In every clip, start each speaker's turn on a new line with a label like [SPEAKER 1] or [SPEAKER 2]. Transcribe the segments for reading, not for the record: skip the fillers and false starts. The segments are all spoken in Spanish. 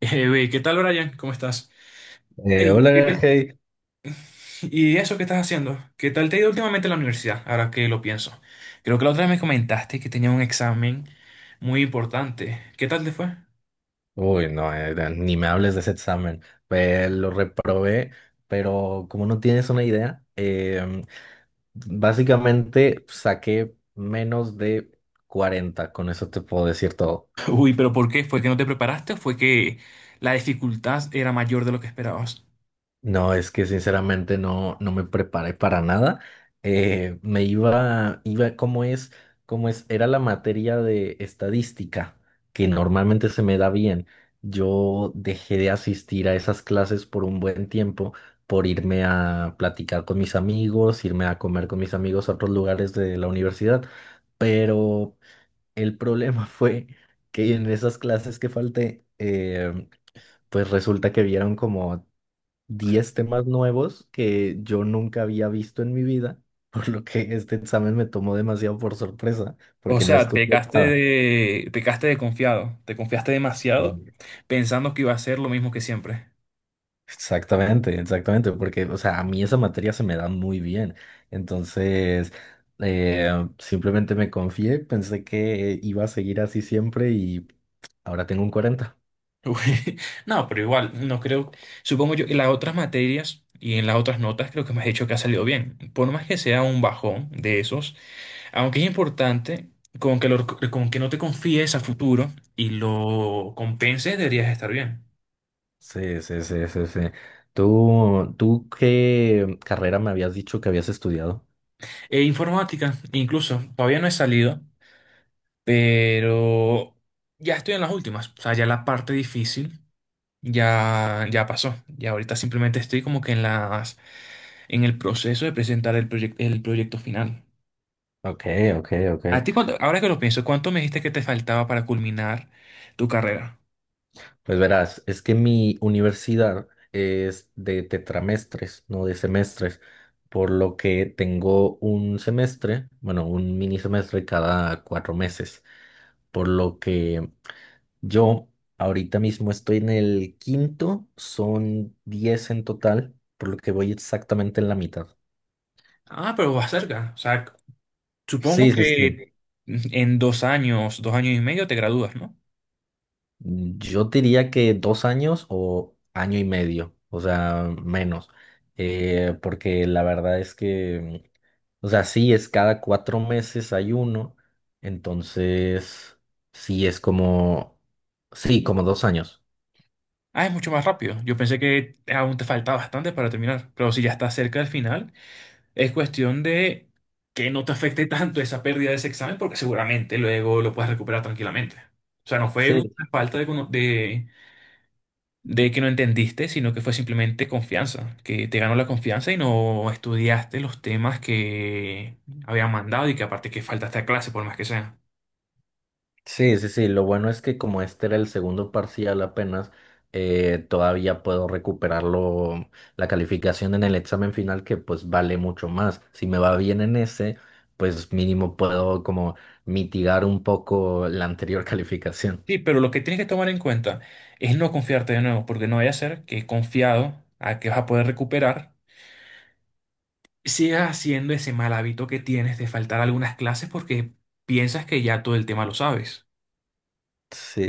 [SPEAKER 1] Güey, ¿qué tal, Brian? ¿Cómo estás? Ey,
[SPEAKER 2] Hola, hey.
[SPEAKER 1] ¿Y eso qué estás haciendo? ¿Qué tal te ha ido últimamente en la universidad? Ahora que lo pienso. Creo que la otra vez me comentaste que tenía un examen muy importante. ¿Qué tal te fue?
[SPEAKER 2] Uy, no, ni me hables de ese examen. Pues lo reprobé, pero como no tienes una idea, básicamente saqué menos de 40. Con eso te puedo decir todo.
[SPEAKER 1] Uy, pero ¿por qué? ¿Fue que no te preparaste o fue que la dificultad era mayor de lo que esperabas?
[SPEAKER 2] No, es que sinceramente no, no me preparé para nada. Me iba, ¿cómo es? ¿Cómo es? Era la materia de estadística, que normalmente se me da bien. Yo dejé de asistir a esas clases por un buen tiempo por irme a platicar con mis amigos, irme a comer con mis amigos a otros lugares de la universidad. Pero el problema fue que en esas clases que falté, pues resulta que vieron como 10 temas nuevos que yo nunca había visto en mi vida, por lo que este examen me tomó demasiado por sorpresa,
[SPEAKER 1] O
[SPEAKER 2] porque no
[SPEAKER 1] sea,
[SPEAKER 2] estudié nada.
[SPEAKER 1] pecaste de confiado, te confiaste demasiado pensando que iba a ser lo mismo que siempre.
[SPEAKER 2] Exactamente, exactamente, porque, o sea, a mí esa materia se me da muy bien. Entonces, eh, simplemente me confié, pensé que iba a seguir así siempre y ahora tengo un 40.
[SPEAKER 1] Uy, no, pero igual, no creo, supongo yo que las otras materias y en las otras notas creo que me has dicho que ha salido bien. Por más que sea un bajón de esos, aunque es importante, con que, lo- con que no te confíes a futuro y lo compenses, deberías estar bien.
[SPEAKER 2] Sí, sí, sí, sí, sí. ¿Tú qué carrera me habías dicho que habías estudiado?
[SPEAKER 1] E informática, incluso, todavía no he salido, pero ya estoy en las últimas. O sea, ya la parte difícil ya pasó. Y ahorita simplemente estoy como que en el proceso de presentar el el proyecto final.
[SPEAKER 2] Ok, ok, ok.
[SPEAKER 1] A ti, ahora que lo pienso, ¿cuánto me dijiste que te faltaba para culminar tu carrera?
[SPEAKER 2] Pues verás, es que mi universidad es de tetramestres, no de semestres, por lo que tengo un semestre, bueno, un mini semestre cada 4 meses, por lo que yo ahorita mismo estoy en el quinto, son 10 en total, por lo que voy exactamente en la mitad.
[SPEAKER 1] Ah, pero vas cerca. O sea, supongo
[SPEAKER 2] Sí, sí, sí.
[SPEAKER 1] que en dos años y medio te gradúas, ¿no?
[SPEAKER 2] Yo diría que 2 años o año y medio, o sea, menos. Porque la verdad es que, o sea, sí es cada 4 meses hay uno, entonces sí es como, sí, como 2 años.
[SPEAKER 1] Ah, es mucho más rápido. Yo pensé que aún te faltaba bastante para terminar. Pero si ya estás cerca del final, es cuestión de que no te afecte tanto esa pérdida de ese examen, porque seguramente luego lo puedes recuperar tranquilamente. O sea, no fue una
[SPEAKER 2] Sí,
[SPEAKER 1] falta de de que no entendiste, sino que fue simplemente confianza, que te ganó la confianza y no estudiaste los temas que habían mandado y que aparte que faltaste a clase por más que sea.
[SPEAKER 2] sí, sí, sí. Lo bueno es que como este era el segundo parcial apenas, todavía puedo recuperarlo, la calificación en el examen final que pues vale mucho más. Si me va bien en ese, pues mínimo puedo como mitigar un poco la anterior calificación.
[SPEAKER 1] Sí, pero lo que tienes que tomar en cuenta es no confiarte de nuevo, porque no vaya a ser que confiado a que vas a poder recuperar, sigas haciendo ese mal hábito que tienes de faltar algunas clases porque piensas que ya todo el tema lo sabes.
[SPEAKER 2] Sí,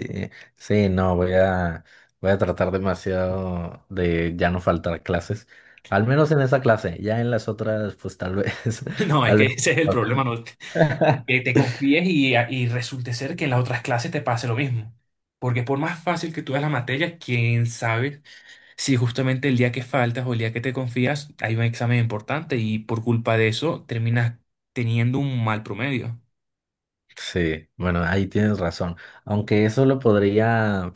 [SPEAKER 2] sí, no, voy a tratar demasiado de ya no faltar clases. Al menos en esa clase, ya en las otras, pues tal vez,
[SPEAKER 1] No, es que
[SPEAKER 2] tal vez.
[SPEAKER 1] ese es el
[SPEAKER 2] No.
[SPEAKER 1] problema, no, que te confíes y resulte ser que en las otras clases te pase lo mismo. Porque por más fácil que tú veas la materia, quién sabe si justamente el día que faltas o el día que te confías hay un examen importante y por culpa de eso terminas teniendo un mal promedio.
[SPEAKER 2] Sí, bueno, ahí tienes razón. Aunque eso lo podría,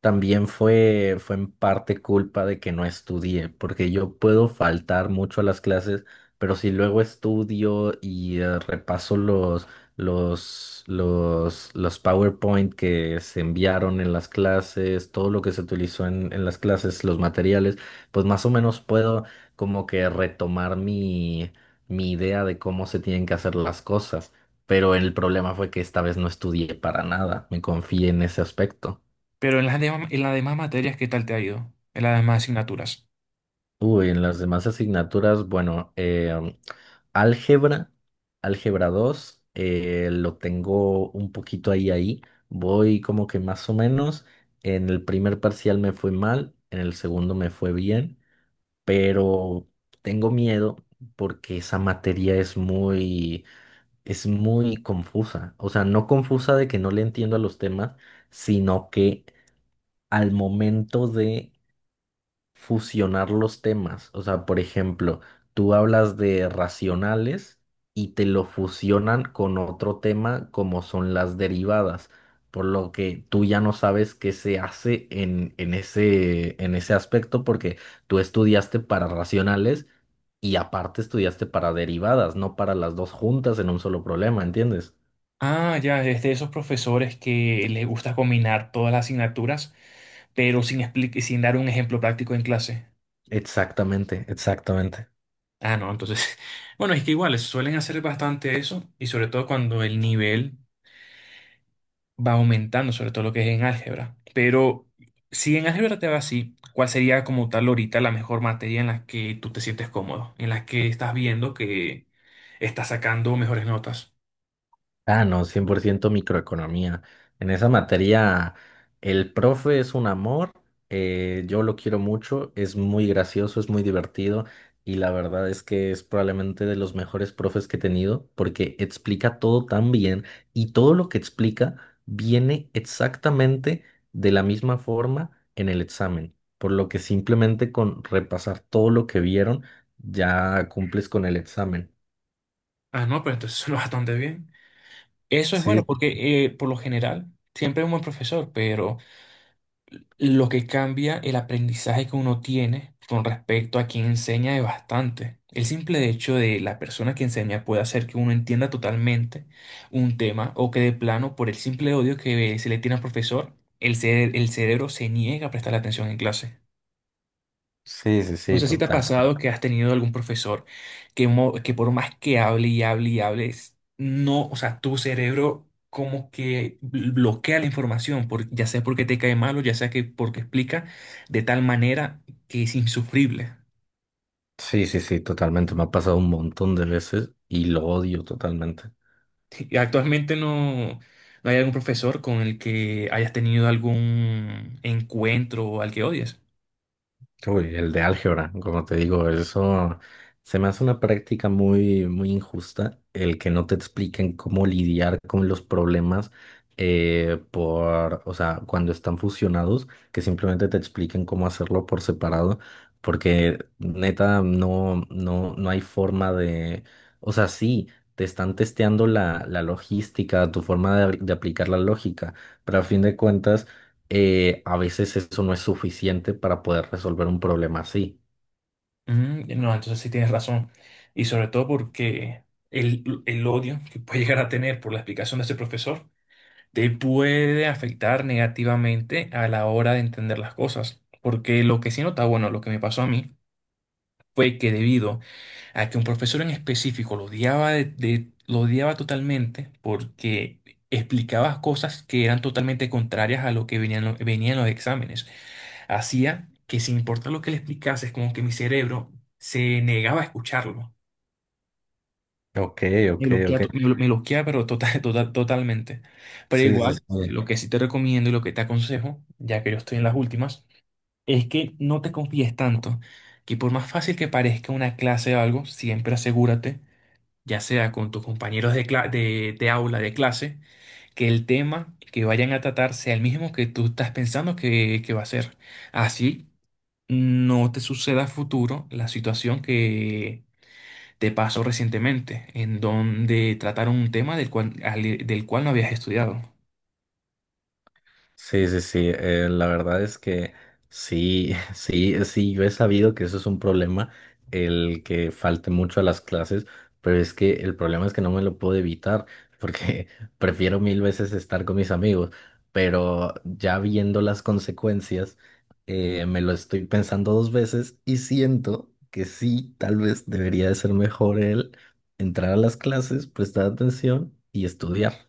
[SPEAKER 2] también fue, fue en parte culpa de que no estudié, porque yo puedo faltar mucho a las clases, pero si luego estudio y repaso los PowerPoint que se enviaron en las clases, todo lo que se utilizó en las clases, los materiales, pues más o menos puedo como que retomar mi idea de cómo se tienen que hacer las cosas. Pero el problema fue que esta vez no estudié para nada, me confié en ese aspecto.
[SPEAKER 1] Pero en las demás materias, ¿qué tal te ha ido? En las demás asignaturas.
[SPEAKER 2] Uy, en las demás asignaturas, bueno, álgebra, álgebra 2 lo tengo un poquito ahí ahí, voy como que más o menos, en el primer parcial me fue mal, en el segundo me fue bien, pero tengo miedo porque esa materia es muy confusa, o sea, no confusa de que no le entiendo a los temas, sino que al momento de fusionar los temas. O sea, por ejemplo, tú hablas de racionales y te lo fusionan con otro tema como son las derivadas, por lo que tú ya no sabes qué se hace en ese aspecto porque tú estudiaste para racionales y aparte estudiaste para derivadas, no para las dos juntas en un solo problema, ¿entiendes?
[SPEAKER 1] Ah, ya, es de esos profesores que les gusta combinar todas las asignaturas, pero sin dar un ejemplo práctico en clase.
[SPEAKER 2] Exactamente, exactamente.
[SPEAKER 1] Ah, no, entonces, bueno, es que igual suelen hacer bastante eso y sobre todo cuando el nivel va aumentando, sobre todo lo que es en álgebra. Pero si en álgebra te va así, ¿cuál sería como tal ahorita la mejor materia en la que tú te sientes cómodo, en la que estás viendo que estás sacando mejores notas?
[SPEAKER 2] Ah, no, 100% microeconomía. En esa materia, el profe es un amor, yo lo quiero mucho, es muy gracioso, es muy divertido y la verdad es que es probablemente de los mejores profes que he tenido porque explica todo tan bien y todo lo que explica viene exactamente de la misma forma en el examen, por lo que simplemente con repasar todo lo que vieron ya cumples con el examen.
[SPEAKER 1] Ah, no, pero entonces suena bastante bien. Eso es
[SPEAKER 2] Sí,
[SPEAKER 1] bueno porque por lo general siempre hay un buen profesor, pero lo que cambia el aprendizaje que uno tiene con respecto a quien enseña es bastante. El simple hecho de la persona que enseña puede hacer que uno entienda totalmente un tema o que de plano, por el simple odio que se le tiene al profesor, el cerebro se niega a prestar atención en clase.
[SPEAKER 2] sí, sí,
[SPEAKER 1] No
[SPEAKER 2] sí,
[SPEAKER 1] sé si te ha
[SPEAKER 2] totalmente.
[SPEAKER 1] pasado que has tenido algún profesor que por más que hable y hable y hables, no, o sea, tu cerebro como que bloquea la información, por, ya sea porque te cae mal o ya sea que porque explica de tal manera que es insufrible.
[SPEAKER 2] Sí, sí, sí, totalmente. Me ha pasado un montón de veces y lo odio totalmente.
[SPEAKER 1] Y actualmente no hay algún profesor con el que hayas tenido algún encuentro o al que odies.
[SPEAKER 2] Uy, el de álgebra, como te digo, eso se me hace una práctica muy, muy injusta, el que no te expliquen cómo lidiar con los problemas o sea, cuando están fusionados, que simplemente te expliquen cómo hacerlo por separado, porque neta no, no, no hay forma de, o sea, sí, te están testeando la logística, tu forma de aplicar la lógica, pero a fin de cuentas a veces eso no es suficiente para poder resolver un problema así.
[SPEAKER 1] Mm, no, entonces sí tienes razón. Y sobre todo porque el odio que puede llegar a tener por la explicación de ese profesor te puede afectar negativamente a la hora de entender las cosas. Porque lo que sí nota, bueno, lo que me pasó a mí fue que debido a que un profesor en específico lo odiaba, lo odiaba totalmente porque explicaba cosas que eran totalmente contrarias a lo que venían, venían los exámenes. Hacía que sin importar lo que le explicase, es como que mi cerebro se negaba a escucharlo.
[SPEAKER 2] Ok,
[SPEAKER 1] Me
[SPEAKER 2] ok,
[SPEAKER 1] bloquea,
[SPEAKER 2] ok.
[SPEAKER 1] to- me blo- me bloquea, pero totalmente. Pero
[SPEAKER 2] Sí, sí,
[SPEAKER 1] igual,
[SPEAKER 2] sí.
[SPEAKER 1] lo que sí te recomiendo y lo que te aconsejo, ya que yo estoy en las últimas, es que no te confíes tanto, que por más fácil que parezca una clase o algo, siempre asegúrate, ya sea con tus compañeros de aula, de clase, que el tema que vayan a tratar sea el mismo que tú estás pensando que va a ser. Así no te suceda a futuro la situación te pasó recientemente, en donde trataron un tema del cual, del cual no habías estudiado.
[SPEAKER 2] Sí, sí, sí. La verdad es que sí, sí, sí, yo he sabido que eso es un problema, el que falte mucho a las clases, pero es que el problema es que no me lo puedo evitar, porque prefiero mil veces estar con mis amigos, pero ya viendo las consecuencias, me lo estoy pensando dos veces y siento que sí, tal vez debería de ser mejor el entrar a las clases, prestar atención y estudiar.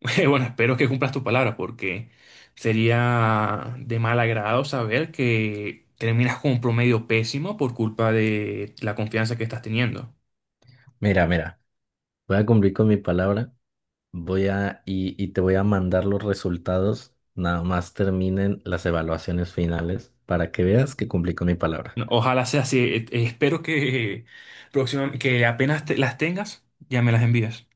[SPEAKER 1] Bueno, espero que cumplas tu palabra, porque sería de mal agrado saber que terminas con un promedio pésimo por culpa de la confianza que estás teniendo.
[SPEAKER 2] Mira, mira, voy a cumplir con mi palabra. Y te voy a mandar los resultados, nada más terminen las evaluaciones finales para que veas que cumplí con mi palabra.
[SPEAKER 1] No, ojalá sea así. Espero que, próxima, que apenas te- las tengas, ya me las envías.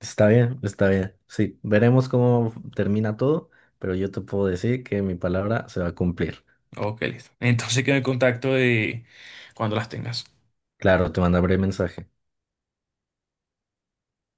[SPEAKER 2] Está bien, está bien. Sí, veremos cómo termina todo, pero yo te puedo decir que mi palabra se va a cumplir.
[SPEAKER 1] Ok, listo. Entonces quedo en contacto de cuando las tengas.
[SPEAKER 2] Claro, te mandaré mensaje.